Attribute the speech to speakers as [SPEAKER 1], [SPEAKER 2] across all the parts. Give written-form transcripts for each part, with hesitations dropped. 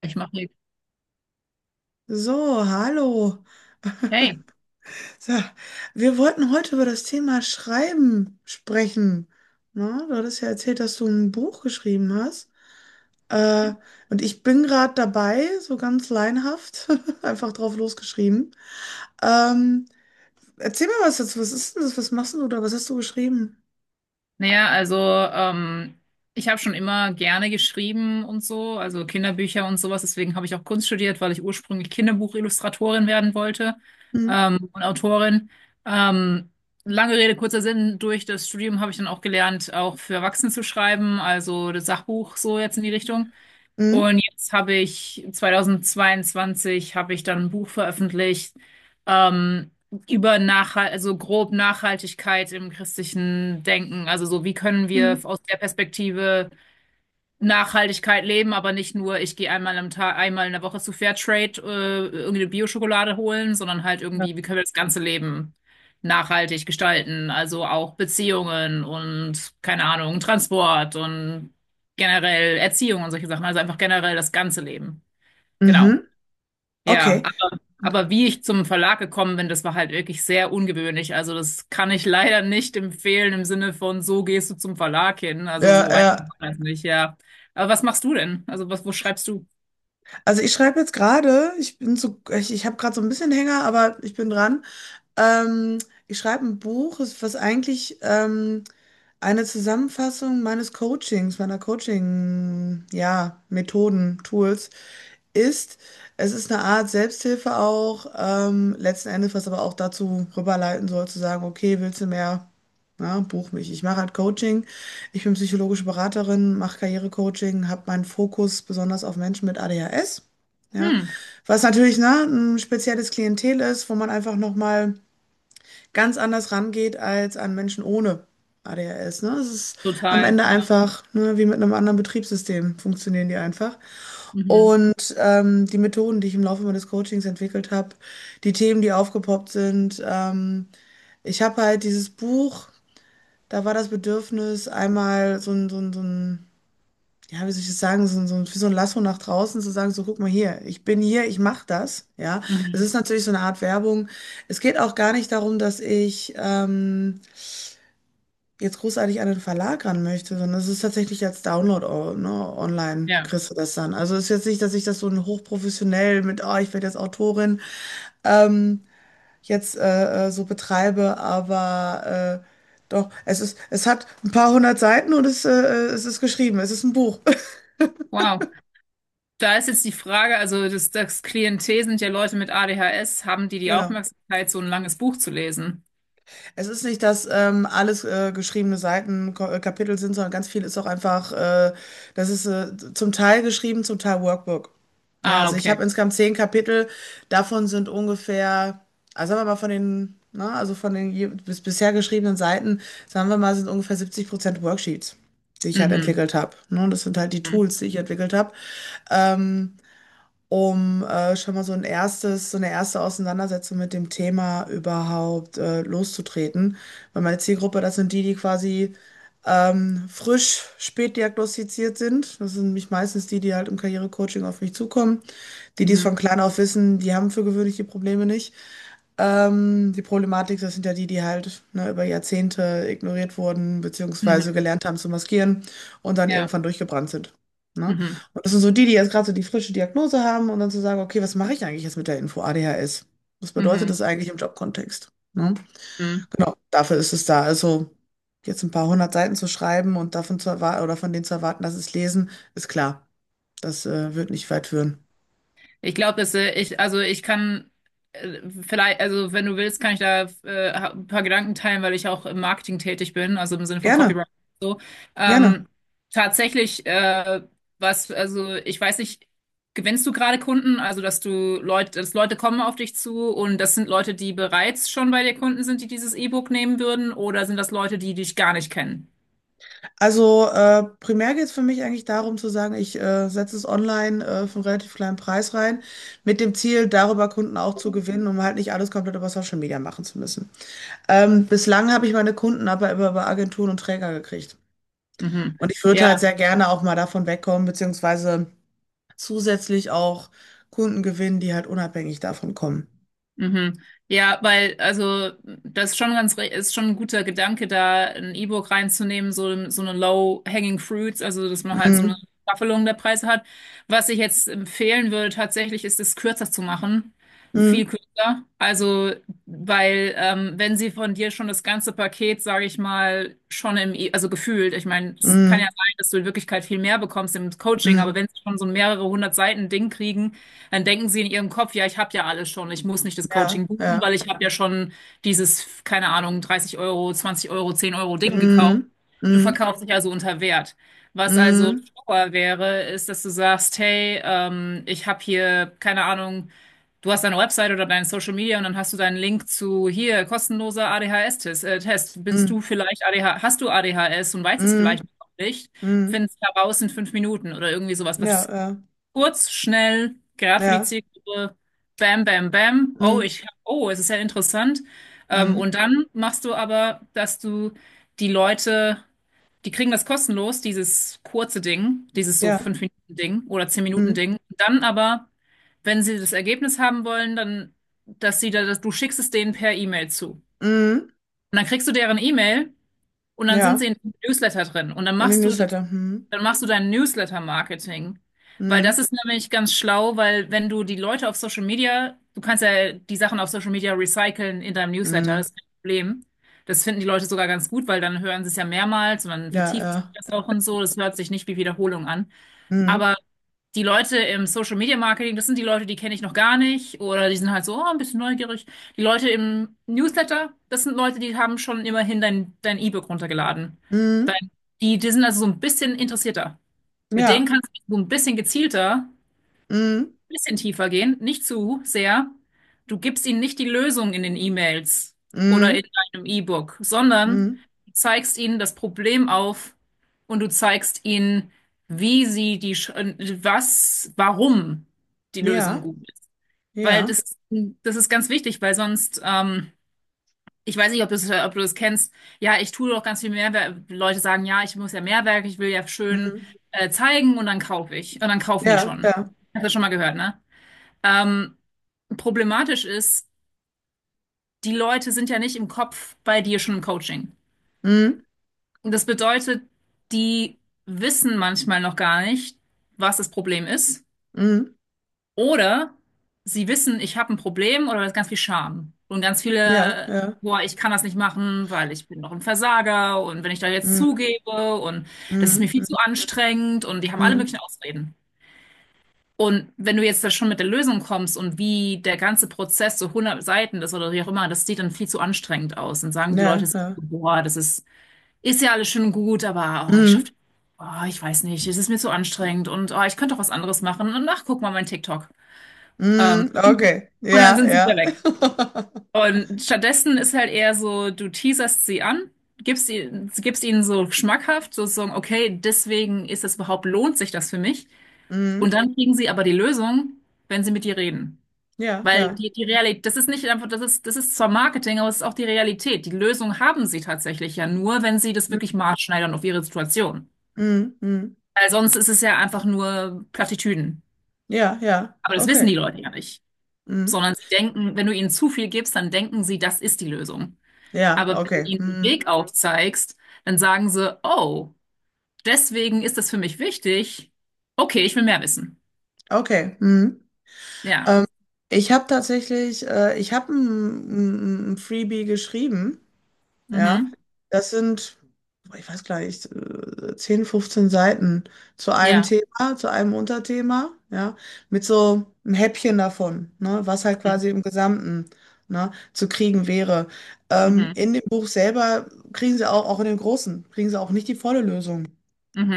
[SPEAKER 1] Ich mache nichts.
[SPEAKER 2] So, hallo.
[SPEAKER 1] Hey,
[SPEAKER 2] So, wir wollten heute über das Thema Schreiben sprechen. Na, du hattest ja erzählt, dass du ein Buch geschrieben hast. Äh, und ich bin gerade dabei, so ganz laienhaft, einfach drauf losgeschrieben. Ähm, Erzähl mir was dazu. Was ist denn das? Was machst denn du da? Was hast du geschrieben?
[SPEAKER 1] naja, also ich habe schon immer gerne geschrieben und so, also Kinderbücher und sowas. Deswegen habe ich auch Kunst studiert, weil ich ursprünglich Kinderbuchillustratorin werden wollte
[SPEAKER 2] Hm?
[SPEAKER 1] und Autorin. Ähm, lange Rede, kurzer Sinn, durch das Studium habe ich dann auch gelernt, auch für Erwachsene zu schreiben, also das Sachbuch so jetzt in die Richtung.
[SPEAKER 2] Hm?
[SPEAKER 1] Und jetzt habe ich 2022 habe ich dann ein Buch veröffentlicht ähm, über also grob Nachhaltigkeit im christlichen Denken. Also so, wie können
[SPEAKER 2] Hm?
[SPEAKER 1] wir aus der Perspektive Nachhaltigkeit leben, aber nicht nur, ich gehe einmal am Tag, einmal in der Woche zu Fairtrade, irgendeine Bio-Schokolade holen, sondern halt irgendwie, wie können wir das ganze Leben nachhaltig gestalten? Also auch Beziehungen und, keine Ahnung, Transport und generell Erziehung und solche Sachen. Also einfach generell das ganze Leben. Genau.
[SPEAKER 2] Mhm.
[SPEAKER 1] Ja,
[SPEAKER 2] Okay.
[SPEAKER 1] aber wie ich zum Verlag gekommen bin, das war halt wirklich sehr ungewöhnlich. Also das kann ich leider nicht empfehlen im Sinne von, so gehst du zum Verlag hin. Also
[SPEAKER 2] Ja,
[SPEAKER 1] so einfach
[SPEAKER 2] ja.
[SPEAKER 1] war das nicht, ja. Aber was machst du denn? Also was, wo schreibst du?
[SPEAKER 2] Also ich schreibe jetzt gerade, ich bin so, ich habe gerade so ein bisschen Hänger, aber ich bin dran. Ähm, Ich schreibe ein Buch, was eigentlich eine Zusammenfassung meines Coachings, meiner Coaching, ja, Methoden, Tools ist. Es ist eine Art Selbsthilfe auch, letzten Endes, was aber auch dazu rüberleiten soll, zu sagen, okay, willst du mehr? Na, buch mich. Ich mache halt Coaching. Ich bin psychologische Beraterin, mache Karrierecoaching, habe meinen Fokus besonders auf Menschen mit ADHS. Ja,
[SPEAKER 1] Hm,
[SPEAKER 2] was natürlich, ne, ein spezielles Klientel ist, wo man einfach nochmal ganz anders rangeht als an Menschen ohne ADHS. Ne? Es ist am
[SPEAKER 1] total,
[SPEAKER 2] Ende
[SPEAKER 1] ja.
[SPEAKER 2] einfach, ne, wie mit einem anderen Betriebssystem funktionieren die einfach.
[SPEAKER 1] Mhm.
[SPEAKER 2] Und die Methoden, die ich im Laufe meines Coachings entwickelt habe, die Themen, die aufgepoppt sind. Ich habe halt dieses Buch, da war das Bedürfnis, einmal so ein ja, wie soll ich das sagen, wie so ein Lasso nach draußen zu sagen, so guck mal hier, ich bin hier, ich mache das. Ja, es
[SPEAKER 1] Mhm.
[SPEAKER 2] ist natürlich so eine Art Werbung. Es geht auch gar nicht darum, dass ich jetzt großartig an den Verlag ran möchte, sondern es ist tatsächlich als Download, ne, online
[SPEAKER 1] Ja.
[SPEAKER 2] kriegst du das dann. Also es ist jetzt nicht, dass ich das so hochprofessionell mit, ich werde jetzt Autorin, ähm, jetzt so betreibe, aber doch, es ist, es hat ein paar hundert Seiten und es ist geschrieben, es ist ein Buch.
[SPEAKER 1] Wow. Da ist jetzt die Frage, also das Klientel sind ja Leute mit ADHS, haben die die
[SPEAKER 2] Genau.
[SPEAKER 1] Aufmerksamkeit, so ein langes Buch zu lesen?
[SPEAKER 2] Es ist nicht, dass alles geschriebene Seiten Kapitel sind, sondern ganz viel ist auch einfach, das ist zum Teil geschrieben, zum Teil Workbook. Ja,
[SPEAKER 1] Ah,
[SPEAKER 2] also ich habe
[SPEAKER 1] okay.
[SPEAKER 2] insgesamt 10 Kapitel, davon sind ungefähr, also sagen wir mal von den, na, also von den bisher geschriebenen Seiten, sagen wir mal, sind ungefähr 70% Worksheets, die ich halt
[SPEAKER 1] Mhm.
[SPEAKER 2] entwickelt habe. Ne? Und das sind halt die
[SPEAKER 1] Mhm.
[SPEAKER 2] Tools, die ich entwickelt habe. Ähm, Um schon mal so ein erstes, so eine erste Auseinandersetzung mit dem Thema überhaupt loszutreten. Weil meine Zielgruppe, das sind die, die quasi frisch spät diagnostiziert sind. Das sind nämlich meistens die, die halt im Karrierecoaching auf mich zukommen. Die, die es
[SPEAKER 1] Mhm.
[SPEAKER 2] von klein auf wissen, die haben für gewöhnlich die Probleme nicht. Die Problematik, das sind ja die, die halt ne, über Jahrzehnte ignoriert wurden, beziehungsweise
[SPEAKER 1] Mhm.
[SPEAKER 2] gelernt haben zu maskieren und dann
[SPEAKER 1] Ja.
[SPEAKER 2] irgendwann durchgebrannt sind. Ne?
[SPEAKER 1] Mhm.
[SPEAKER 2] Und das sind so die, die jetzt gerade so die frische Diagnose haben und dann zu sagen, okay, was mache ich eigentlich jetzt mit der Info ADHS? Was
[SPEAKER 1] Mhm.
[SPEAKER 2] bedeutet
[SPEAKER 1] Mhm.
[SPEAKER 2] das eigentlich im Jobkontext? Ne?
[SPEAKER 1] Mhm.
[SPEAKER 2] Genau, dafür ist es da. Also jetzt ein paar hundert Seiten zu schreiben und davon zu erwarten oder von denen zu erwarten, dass sie es lesen, ist klar. Das wird nicht weit führen.
[SPEAKER 1] Ich glaube, dass ich, also ich kann äh, vielleicht, also wenn du willst, kann ich da ein paar Gedanken teilen, weil ich auch im Marketing tätig bin, also im Sinne von
[SPEAKER 2] Gerne,
[SPEAKER 1] Copywriting und so.
[SPEAKER 2] gerne.
[SPEAKER 1] Ähm, tatsächlich, was, also ich weiß nicht, gewinnst du gerade Kunden, also dass du Leute, dass Leute kommen auf dich zu und das sind Leute, die bereits schon bei dir Kunden sind, die dieses E-Book nehmen würden, oder sind das Leute, die dich gar nicht kennen?
[SPEAKER 2] Also primär geht es für mich eigentlich darum zu sagen, ich setze es online für einen relativ kleinen Preis rein, mit dem Ziel, darüber Kunden auch zu gewinnen, um halt nicht alles komplett über Social Media machen zu müssen. Bislang habe ich meine Kunden aber immer über Agenturen und Träger gekriegt.
[SPEAKER 1] Mhm.
[SPEAKER 2] Und ich würde
[SPEAKER 1] Ja.
[SPEAKER 2] halt sehr gerne auch mal davon wegkommen, beziehungsweise zusätzlich auch Kunden gewinnen, die halt unabhängig davon kommen.
[SPEAKER 1] Mhm. Ja, weil, also, das ist schon ganz, ist schon ein guter Gedanke, da ein E-Book reinzunehmen, so, so eine Low-Hanging Fruits, also, dass man halt so eine
[SPEAKER 2] Mhm.
[SPEAKER 1] Staffelung der Preise hat. Was ich jetzt empfehlen würde, tatsächlich, ist es kürzer zu machen. Viel
[SPEAKER 2] Mhm.
[SPEAKER 1] kürzer. Also, weil, wenn sie von dir schon das ganze Paket, sage ich mal, schon also gefühlt, ich meine, es kann ja
[SPEAKER 2] Mhm.
[SPEAKER 1] sein, dass du in Wirklichkeit viel mehr bekommst im Coaching, aber
[SPEAKER 2] Mhm.
[SPEAKER 1] wenn sie schon so ein mehrere hundert Seiten Ding kriegen, dann denken sie in ihrem Kopf, ja, ich habe ja alles schon, ich muss nicht das
[SPEAKER 2] Ja,
[SPEAKER 1] Coaching buchen,
[SPEAKER 2] ja.
[SPEAKER 1] weil ich habe ja schon dieses, keine Ahnung, 30 Euro, 20 Euro, 10 € Ding gekauft.
[SPEAKER 2] Mhm.
[SPEAKER 1] Du
[SPEAKER 2] Mhm.
[SPEAKER 1] verkaufst dich also unter Wert. Was also
[SPEAKER 2] Mhm.
[SPEAKER 1] schlauer wäre, ist, dass du sagst, hey, ich habe hier, keine Ahnung, du hast deine Website oder deine Social Media und dann hast du deinen Link zu hier, kostenloser ADHS-Test. Test. Bist du
[SPEAKER 2] Mhm.
[SPEAKER 1] vielleicht hast du ADHS und weißt es
[SPEAKER 2] Mhm.
[SPEAKER 1] vielleicht noch nicht?
[SPEAKER 2] Mhm.
[SPEAKER 1] Findest heraus in 5 Minuten oder irgendwie sowas,
[SPEAKER 2] Ja,
[SPEAKER 1] was
[SPEAKER 2] ja,
[SPEAKER 1] kurz, schnell, gerade für die
[SPEAKER 2] ja.
[SPEAKER 1] Zielgruppe. Bam, bam, bam. Oh,
[SPEAKER 2] Mhm.
[SPEAKER 1] oh, es ist ja interessant.
[SPEAKER 2] Mhm.
[SPEAKER 1] Und dann machst du aber, dass du die Leute, die kriegen das kostenlos, dieses kurze Ding, dieses so
[SPEAKER 2] Ja.
[SPEAKER 1] 5 Minuten Ding oder 10 Minuten
[SPEAKER 2] Mhm.
[SPEAKER 1] Ding. Dann aber, wenn sie das Ergebnis haben wollen, dann, dass sie da, dass du schickst es denen per E-Mail zu. Und
[SPEAKER 2] Mhm.
[SPEAKER 1] dann kriegst du deren E-Mail und dann sind sie
[SPEAKER 2] Ja.
[SPEAKER 1] in dem Newsletter drin. Und dann
[SPEAKER 2] In dem
[SPEAKER 1] machst du das
[SPEAKER 2] Newsletter. Mhm.
[SPEAKER 1] dann machst du dein Newsletter-Marketing. Weil das
[SPEAKER 2] Mhm.
[SPEAKER 1] ist nämlich ganz schlau, weil wenn du die Leute auf Social Media, du kannst ja die Sachen auf Social Media recyceln in deinem Newsletter, das
[SPEAKER 2] Mhm.
[SPEAKER 1] ist kein Problem. Das finden die Leute sogar ganz gut, weil dann hören sie es ja mehrmals und dann
[SPEAKER 2] Ja,
[SPEAKER 1] vertieft sich
[SPEAKER 2] ja.
[SPEAKER 1] das auch und so. Das hört sich nicht wie Wiederholung an.
[SPEAKER 2] Mhm.
[SPEAKER 1] Aber die Leute im Social Media Marketing, das sind die Leute, die kenne ich noch gar nicht oder die sind halt so oh, ein bisschen neugierig. Die Leute im Newsletter, das sind Leute, die haben schon immerhin dein E-Book runtergeladen.
[SPEAKER 2] Mhm.
[SPEAKER 1] Dein, die sind also so ein bisschen interessierter. Mit denen
[SPEAKER 2] Ja.
[SPEAKER 1] kannst du so ein bisschen gezielter, ein
[SPEAKER 2] Mhm.
[SPEAKER 1] bisschen tiefer gehen, nicht zu sehr. Du gibst ihnen nicht die Lösung in den E-Mails oder in
[SPEAKER 2] Mhm.
[SPEAKER 1] deinem E-Book, sondern
[SPEAKER 2] Mhm.
[SPEAKER 1] du zeigst ihnen das Problem auf und du zeigst ihnen, wie sie die, Sch- was, warum die Lösung
[SPEAKER 2] Ja.
[SPEAKER 1] gut ist. Weil
[SPEAKER 2] Ja.
[SPEAKER 1] das ist ganz wichtig, weil sonst ich weiß nicht, ob du das kennst. Ja, ich tue doch ganz viel Mehrwert. Leute sagen, ja, ich muss ja Mehrwert, ich will ja schön
[SPEAKER 2] Mhm.
[SPEAKER 1] zeigen und dann kaufe ich. Und dann kaufen die
[SPEAKER 2] Ja,
[SPEAKER 1] schon.
[SPEAKER 2] ja.
[SPEAKER 1] Hast du schon mal gehört, ne? Ähm, problematisch ist, die Leute sind ja nicht im Kopf bei dir schon im Coaching.
[SPEAKER 2] Mhm.
[SPEAKER 1] Und das bedeutet, die wissen manchmal noch gar nicht, was das Problem ist.
[SPEAKER 2] Mhm.
[SPEAKER 1] Oder sie wissen, ich habe ein Problem oder da ist ganz viel Scham und ganz
[SPEAKER 2] Ja,
[SPEAKER 1] viele,
[SPEAKER 2] ja.
[SPEAKER 1] boah, ich kann das nicht machen, weil ich bin doch ein Versager und wenn ich da jetzt
[SPEAKER 2] Mhm.
[SPEAKER 1] zugebe und das ist mir
[SPEAKER 2] Mhm.
[SPEAKER 1] viel
[SPEAKER 2] Mhm.
[SPEAKER 1] zu anstrengend und die haben alle möglichen Ausreden. Und wenn du jetzt da schon mit der Lösung kommst und wie der ganze Prozess so hundert Seiten ist oder wie auch immer, das sieht dann viel zu anstrengend aus. Dann sagen die Leute,
[SPEAKER 2] Ja,
[SPEAKER 1] sich so,
[SPEAKER 2] ja.
[SPEAKER 1] boah, das ist, ist ja alles schön und gut, aber oh, ich schaffe,
[SPEAKER 2] Mhm.
[SPEAKER 1] oh, ich weiß nicht, es ist mir zu anstrengend und oh, ich könnte doch was anderes machen und ach, guck mal mein TikTok. Ähm,
[SPEAKER 2] Mhm. Okay.
[SPEAKER 1] und dann
[SPEAKER 2] Ja,
[SPEAKER 1] sind sie wieder
[SPEAKER 2] ja.
[SPEAKER 1] weg. Und stattdessen ist halt eher so, du teaserst sie an, gibst ihnen so schmackhaft, sozusagen, okay, deswegen ist es überhaupt, lohnt sich das für mich.
[SPEAKER 2] Mhm.
[SPEAKER 1] Und dann kriegen sie aber die Lösung, wenn sie mit dir reden.
[SPEAKER 2] Ja,
[SPEAKER 1] Weil
[SPEAKER 2] ja.
[SPEAKER 1] die, die Realität, das ist nicht einfach, das ist zwar Marketing, aber es ist auch die Realität. Die Lösung haben sie tatsächlich ja nur, wenn sie das
[SPEAKER 2] Mhm.
[SPEAKER 1] wirklich maßschneidern auf ihre Situation.
[SPEAKER 2] Mhm.
[SPEAKER 1] Weil sonst ist es ja einfach nur Plattitüden.
[SPEAKER 2] Ja, ja.
[SPEAKER 1] Aber das wissen
[SPEAKER 2] Okay.
[SPEAKER 1] die Leute ja nicht.
[SPEAKER 2] Mhm.
[SPEAKER 1] Sondern sie denken, wenn du ihnen zu viel gibst, dann denken sie, das ist die Lösung.
[SPEAKER 2] Ja,
[SPEAKER 1] Aber wenn du
[SPEAKER 2] okay.
[SPEAKER 1] ihnen den
[SPEAKER 2] Mhm.
[SPEAKER 1] Weg aufzeigst, dann sagen sie, oh, deswegen ist das für mich wichtig. Okay, ich will mehr wissen.
[SPEAKER 2] Okay. Mhm.
[SPEAKER 1] Ja.
[SPEAKER 2] Ähm, Ich habe tatsächlich, ich habe ein Freebie geschrieben. Ja,
[SPEAKER 1] Mhm.
[SPEAKER 2] das sind, boah, ich weiß gar nicht, 10, 15 Seiten zu einem
[SPEAKER 1] Ja.
[SPEAKER 2] Thema, zu einem Unterthema. Ja, mit so einem Häppchen davon, ne, was halt
[SPEAKER 1] Mhm.
[SPEAKER 2] quasi im Gesamten, ne, zu kriegen wäre.
[SPEAKER 1] Mhm.
[SPEAKER 2] In dem Buch selber kriegen sie auch, auch in dem Großen, kriegen sie auch nicht die volle Lösung.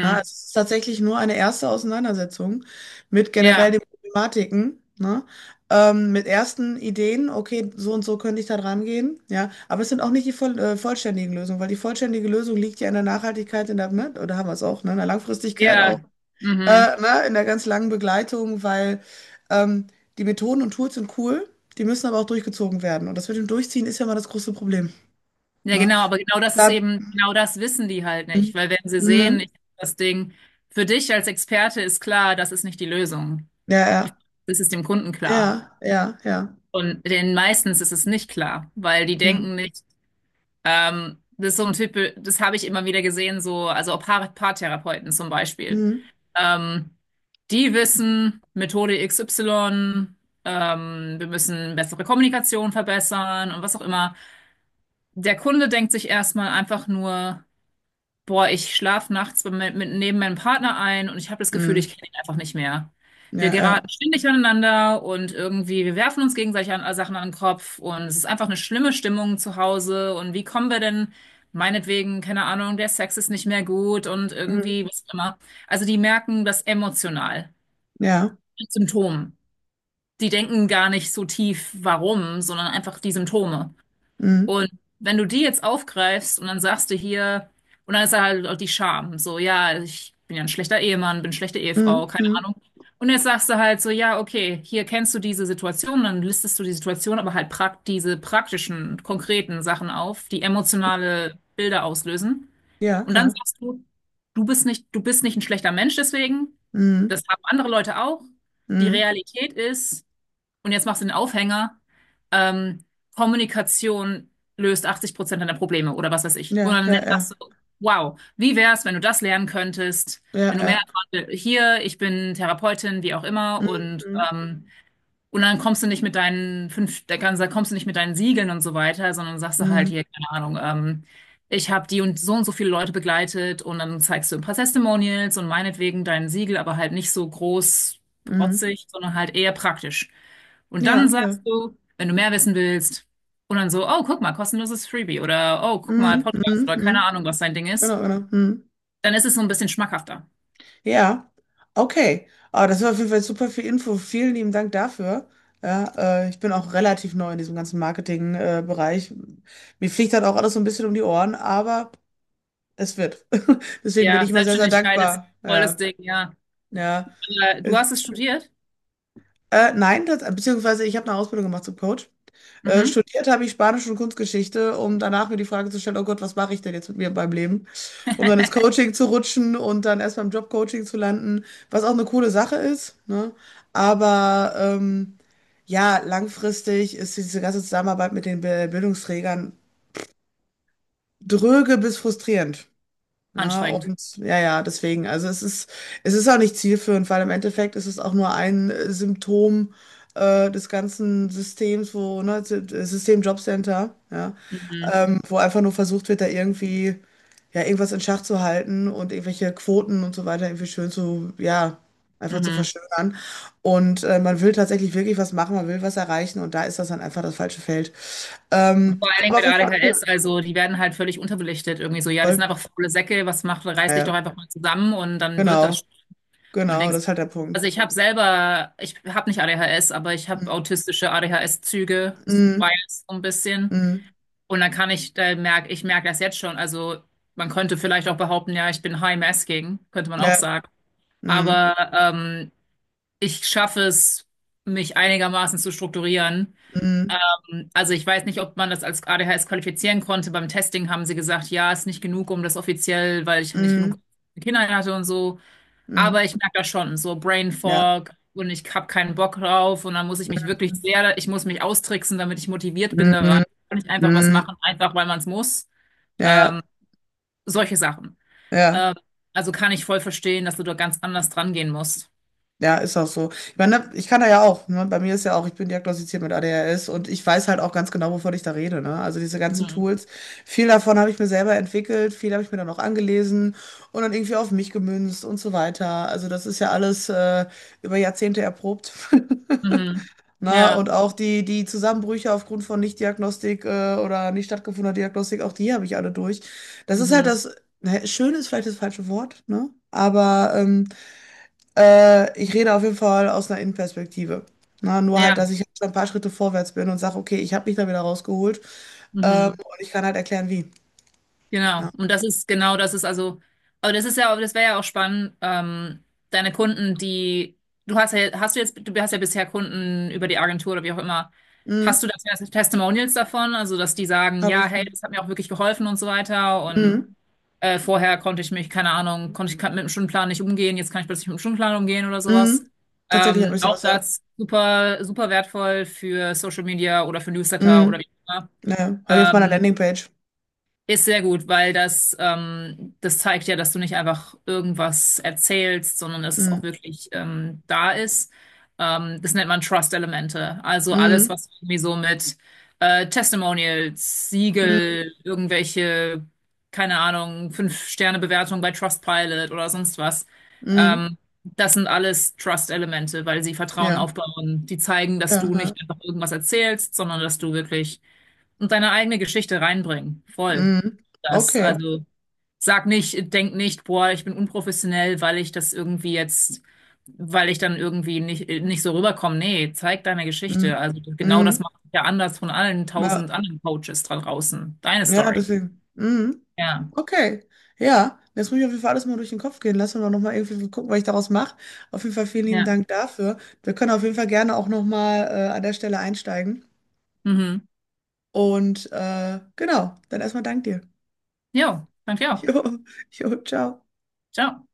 [SPEAKER 2] Ja, es ist tatsächlich nur eine erste Auseinandersetzung mit generell
[SPEAKER 1] Ja.
[SPEAKER 2] den Problematiken, ne? Mit ersten Ideen, okay, so und so könnte ich da dran gehen, ja. Aber es sind auch nicht die vollständigen Lösungen, weil die vollständige Lösung liegt ja in der Nachhaltigkeit, in der, ne? Oder haben wir es auch, ne? In der Langfristigkeit auch,
[SPEAKER 1] Ja. Mhm.
[SPEAKER 2] ne? In der ganz langen Begleitung, weil ähm, die Methoden und Tools sind cool, die müssen aber auch durchgezogen werden. Und das mit dem Durchziehen ist ja mal das große Problem,
[SPEAKER 1] Ja,
[SPEAKER 2] ne?
[SPEAKER 1] genau, aber genau das ist
[SPEAKER 2] Da,
[SPEAKER 1] eben, genau das wissen die halt nicht,
[SPEAKER 2] Mhm.
[SPEAKER 1] weil wenn sie sehen,
[SPEAKER 2] Mhm.
[SPEAKER 1] das Ding, für dich als Experte ist klar, das ist nicht die Lösung.
[SPEAKER 2] Ja, ja,
[SPEAKER 1] Das ist dem Kunden klar.
[SPEAKER 2] ja, ja, ja.
[SPEAKER 1] Und den meistens ist es nicht klar, weil die
[SPEAKER 2] Mhm.
[SPEAKER 1] denken nicht. Das ist so ein Typ, das habe ich immer wieder gesehen, so, also auch Paartherapeuten zum Beispiel.
[SPEAKER 2] Mhm.
[SPEAKER 1] Ähm, die wissen, Methode XY, wir müssen bessere Kommunikation verbessern und was auch immer. Der Kunde denkt sich erstmal einfach nur, boah, ich schlafe nachts neben meinem Partner ein und ich habe das Gefühl, ich
[SPEAKER 2] Mhm.
[SPEAKER 1] kenne ihn einfach nicht mehr. Wir
[SPEAKER 2] Ja,
[SPEAKER 1] geraten
[SPEAKER 2] ja.
[SPEAKER 1] ständig aneinander und irgendwie, wir werfen uns gegenseitig an, Sachen an den Kopf und es ist einfach eine schlimme Stimmung zu Hause. Und wie kommen wir denn, meinetwegen, keine Ahnung, der Sex ist nicht mehr gut und
[SPEAKER 2] Mhm.
[SPEAKER 1] irgendwie, was auch immer. Also die merken das emotional,
[SPEAKER 2] Ja.
[SPEAKER 1] die Symptome. Die denken gar nicht so tief, warum, sondern einfach die Symptome.
[SPEAKER 2] Mhm.
[SPEAKER 1] Und wenn du die jetzt aufgreifst und dann sagst du hier, und dann ist da halt auch die Scham, so, ja, ich bin ja ein schlechter Ehemann, bin eine schlechte
[SPEAKER 2] Mhm.
[SPEAKER 1] Ehefrau, keine
[SPEAKER 2] Mhm.
[SPEAKER 1] Ahnung. Und jetzt sagst du halt so, ja, okay, hier kennst du diese Situation, dann listest du die Situation, aber halt prak diese praktischen, konkreten Sachen auf, die emotionale Bilder auslösen.
[SPEAKER 2] Ja,
[SPEAKER 1] Und dann
[SPEAKER 2] ja.
[SPEAKER 1] sagst du, du bist nicht ein schlechter Mensch deswegen,
[SPEAKER 2] Mhm.
[SPEAKER 1] das haben andere Leute auch. Die
[SPEAKER 2] Mhm.
[SPEAKER 1] Realität ist, und jetzt machst du den Aufhänger. Ähm, Kommunikation löst 80% deiner Probleme oder was weiß ich. Und
[SPEAKER 2] Ja,
[SPEAKER 1] dann
[SPEAKER 2] ja,
[SPEAKER 1] sagst
[SPEAKER 2] ja.
[SPEAKER 1] du, wow, wie wär's, wenn du das lernen könntest,
[SPEAKER 2] Ja,
[SPEAKER 1] wenn du mehr
[SPEAKER 2] ja.
[SPEAKER 1] erfahren will- Hier, ich bin Therapeutin, wie auch immer,
[SPEAKER 2] Mhm.
[SPEAKER 1] und dann kommst du nicht mit deinen fünf, da kannst- da kommst du nicht mit deinen Siegeln und so weiter, sondern sagst du halt
[SPEAKER 2] Mhm.
[SPEAKER 1] hier, keine Ahnung, ich habe die und so viele Leute begleitet und dann zeigst du ein paar Testimonials und meinetwegen dein Siegel, aber halt nicht so groß
[SPEAKER 2] Mhm.
[SPEAKER 1] protzig, sondern halt eher praktisch. Und dann
[SPEAKER 2] Ja, ja.
[SPEAKER 1] sagst du, wenn du mehr wissen willst, und dann so, oh, guck mal, kostenloses Freebie oder oh, guck mal,
[SPEAKER 2] Mhm. Mhm.
[SPEAKER 1] Podcast oder keine
[SPEAKER 2] Mhm.
[SPEAKER 1] Ahnung, was dein Ding ist,
[SPEAKER 2] Genau, genau. Mhm.
[SPEAKER 1] dann ist es so ein bisschen schmackhafter.
[SPEAKER 2] Ja. Okay. Ah, das war auf jeden Fall super viel Info. Vielen lieben Dank dafür. Ja, ich bin auch relativ neu in diesem ganzen Marketing-Bereich. Mir fliegt halt auch alles so ein bisschen um die Ohren, aber es wird. Deswegen bin
[SPEAKER 1] Ja,
[SPEAKER 2] ich immer sehr, sehr
[SPEAKER 1] Selbstständigkeit ist
[SPEAKER 2] dankbar.
[SPEAKER 1] voll das
[SPEAKER 2] Ja,
[SPEAKER 1] Ding, ja.
[SPEAKER 2] ja.
[SPEAKER 1] Aber du hast es studiert?
[SPEAKER 2] Nein, das, beziehungsweise ich habe eine Ausbildung gemacht zum Coach. Äh,
[SPEAKER 1] Mhm.
[SPEAKER 2] studiert habe ich Spanisch und Kunstgeschichte, um danach mir die Frage zu stellen, oh Gott, was mache ich denn jetzt mit mir beim Leben? Um dann ins Coaching zu rutschen und dann erst beim Jobcoaching zu landen, was auch eine coole Sache ist, ne? Aber ja, langfristig ist diese ganze Zusammenarbeit mit den Be- Bildungsträgern dröge bis frustrierend. Ja,
[SPEAKER 1] Anstrengend.
[SPEAKER 2] und ja, ja, deswegen, also es ist auch nicht zielführend, weil im Endeffekt ist es auch nur ein Symptom des ganzen Systems, wo, ne, System Jobcenter, ja,
[SPEAKER 1] Mhm,
[SPEAKER 2] wo einfach nur versucht wird, da irgendwie, ja, irgendwas in Schach zu halten und irgendwelche Quoten und so weiter irgendwie schön zu, ja, einfach zu
[SPEAKER 1] mhm.
[SPEAKER 2] verschönern. Und man will tatsächlich wirklich was machen, man will was erreichen und da ist das dann einfach das falsche Feld.
[SPEAKER 1] Und
[SPEAKER 2] Ähm,
[SPEAKER 1] vor allen Dingen
[SPEAKER 2] aber auf
[SPEAKER 1] mit
[SPEAKER 2] jeden Fall
[SPEAKER 1] ADHS,
[SPEAKER 2] cool.
[SPEAKER 1] also die werden halt völlig unterbelichtet irgendwie so. Ja, die sind
[SPEAKER 2] Voll.
[SPEAKER 1] einfach faule Säcke, was macht,
[SPEAKER 2] Ja,
[SPEAKER 1] reiß dich
[SPEAKER 2] ja.
[SPEAKER 1] doch einfach mal zusammen und dann wird das
[SPEAKER 2] Genau,
[SPEAKER 1] schon. Und
[SPEAKER 2] genau,
[SPEAKER 1] denkst,
[SPEAKER 2] das ist halt der Punkt.
[SPEAKER 1] ich habe nicht ADHS, aber ich habe autistische ADHS-Züge,
[SPEAKER 2] Mhm,
[SPEAKER 1] Bias so ein bisschen.
[SPEAKER 2] mhm,
[SPEAKER 1] Und dann kann ich, ich merke das jetzt schon. Also man könnte vielleicht auch behaupten, ja, ich bin high-masking, könnte man auch
[SPEAKER 2] ja,
[SPEAKER 1] sagen.
[SPEAKER 2] mhm,
[SPEAKER 1] Aber ich schaffe es, mich einigermaßen zu strukturieren.
[SPEAKER 2] mhm,
[SPEAKER 1] Also ich weiß nicht, ob man das als ADHS qualifizieren konnte. Beim Testing haben sie gesagt, ja, ist nicht genug, um das offiziell, weil ich nicht genug
[SPEAKER 2] mhm,
[SPEAKER 1] Kinder hatte und so. Aber
[SPEAKER 2] mhm,
[SPEAKER 1] ich merke das schon, so Brain
[SPEAKER 2] ja,
[SPEAKER 1] Fog und ich habe keinen Bock drauf und dann muss ich mich wirklich sehr, ich muss mich austricksen, damit ich motiviert bin
[SPEAKER 2] mhm,
[SPEAKER 1] da rein.
[SPEAKER 2] mhm,
[SPEAKER 1] Kann ich einfach was
[SPEAKER 2] mhm,
[SPEAKER 1] machen, einfach weil man es muss.
[SPEAKER 2] ja, ja,
[SPEAKER 1] Ähm, solche Sachen.
[SPEAKER 2] ja,
[SPEAKER 1] Ähm, also kann ich voll verstehen, dass du da ganz anders dran gehen musst.
[SPEAKER 2] ja, ist auch so. Ich meine, ne, ich kann da ja auch, ne? Bei mir ist ja auch, ich bin diagnostiziert mit ADHS und ich weiß halt auch ganz genau, wovon ich da rede, ne? Also diese ganzen
[SPEAKER 1] Mhm.
[SPEAKER 2] Tools, viel davon habe ich mir selber entwickelt, viel habe ich mir dann auch angelesen und dann irgendwie auf mich gemünzt und so weiter. Also das ist ja alles über Jahrzehnte erprobt.
[SPEAKER 1] Mhm.
[SPEAKER 2] Na,
[SPEAKER 1] Ja.
[SPEAKER 2] und auch die Zusammenbrüche aufgrund von Nichtdiagnostik oder nicht stattgefundener Diagnostik, auch die habe ich alle durch. Das ist halt
[SPEAKER 1] Mhm.
[SPEAKER 2] das, ne, schön ist vielleicht das falsche Wort, ne? Aber ich rede auf jeden Fall aus einer Innenperspektive. Na, nur halt,
[SPEAKER 1] Ja.
[SPEAKER 2] dass ich schon ein paar Schritte vorwärts bin und sage, okay, ich habe mich da wieder rausgeholt
[SPEAKER 1] Mhm.
[SPEAKER 2] und ich kann halt erklären, wie. Ja.
[SPEAKER 1] Genau. Und das ist genau, das ist also, aber das ist ja, aber das wäre ja auch spannend, deine Kunden, die, du hast ja, hast du jetzt, du hast ja bisher Kunden über die Agentur oder wie auch immer. Hast
[SPEAKER 2] Mhm,
[SPEAKER 1] du das Testimonials davon? Also, dass die sagen,
[SPEAKER 2] habe
[SPEAKER 1] ja,
[SPEAKER 2] ich.
[SPEAKER 1] hey,
[SPEAKER 2] Mhm.
[SPEAKER 1] das hat mir auch wirklich geholfen und so weiter. Und
[SPEAKER 2] Mhm.
[SPEAKER 1] vorher konnte ich mich, keine Ahnung, konnte ich mit dem Stundenplan nicht umgehen, jetzt kann ich plötzlich mit dem Stundenplan umgehen oder sowas.
[SPEAKER 2] Mhm. Tatsächlich habe ich
[SPEAKER 1] Auch
[SPEAKER 2] sowas, ja.
[SPEAKER 1] das super, super wertvoll für Social Media oder für Newsletter oder
[SPEAKER 2] Mhm.
[SPEAKER 1] wie auch immer.
[SPEAKER 2] Ja, ja. Habe ich auf meiner
[SPEAKER 1] Ähm,
[SPEAKER 2] Landingpage.
[SPEAKER 1] ist sehr gut, weil das, das zeigt ja, dass du nicht einfach irgendwas erzählst, sondern dass es
[SPEAKER 2] Mhm.
[SPEAKER 1] auch wirklich da ist. Das nennt man Trust-Elemente. Also alles,
[SPEAKER 2] Mhm.
[SPEAKER 1] was irgendwie so mit Testimonials,
[SPEAKER 2] Mhm.
[SPEAKER 1] Siegel, irgendwelche, keine Ahnung, Fünf-Sterne-Bewertungen bei Trustpilot oder sonst was.
[SPEAKER 2] Mhm.
[SPEAKER 1] Ähm, das sind alles Trust-Elemente, weil sie Vertrauen
[SPEAKER 2] Ja.
[SPEAKER 1] aufbauen. Die zeigen, dass
[SPEAKER 2] Ja,
[SPEAKER 1] du
[SPEAKER 2] ja.
[SPEAKER 1] nicht einfach irgendwas erzählst, sondern dass du wirklich und deine eigene Geschichte reinbringen. Voll.
[SPEAKER 2] Mhm.
[SPEAKER 1] Das.
[SPEAKER 2] Okay.
[SPEAKER 1] Also sag nicht, denk nicht, boah, ich bin unprofessionell, weil ich das irgendwie jetzt, weil ich dann irgendwie nicht so rüberkomme. Nee, zeig deine
[SPEAKER 2] Mhm.
[SPEAKER 1] Geschichte. Also genau das
[SPEAKER 2] Mhm.
[SPEAKER 1] macht dich ja anders von allen tausend
[SPEAKER 2] Ja,
[SPEAKER 1] anderen Coaches da draußen. Deine
[SPEAKER 2] ja,
[SPEAKER 1] Story.
[SPEAKER 2] deswegen. Mhm.
[SPEAKER 1] Ja.
[SPEAKER 2] Okay. Ja, jetzt muss ich auf jeden Fall alles mal durch den Kopf gehen lassen und auch nochmal irgendwie so gucken, was ich daraus mache. Auf jeden Fall vielen lieben
[SPEAKER 1] Ja.
[SPEAKER 2] Dank dafür. Wir können auf jeden Fall gerne auch nochmal an der Stelle einsteigen.
[SPEAKER 1] Mhm.
[SPEAKER 2] Und genau, dann erstmal Dank dir.
[SPEAKER 1] Jo, danke auch.
[SPEAKER 2] Jo, jo, ciao.
[SPEAKER 1] Ciao.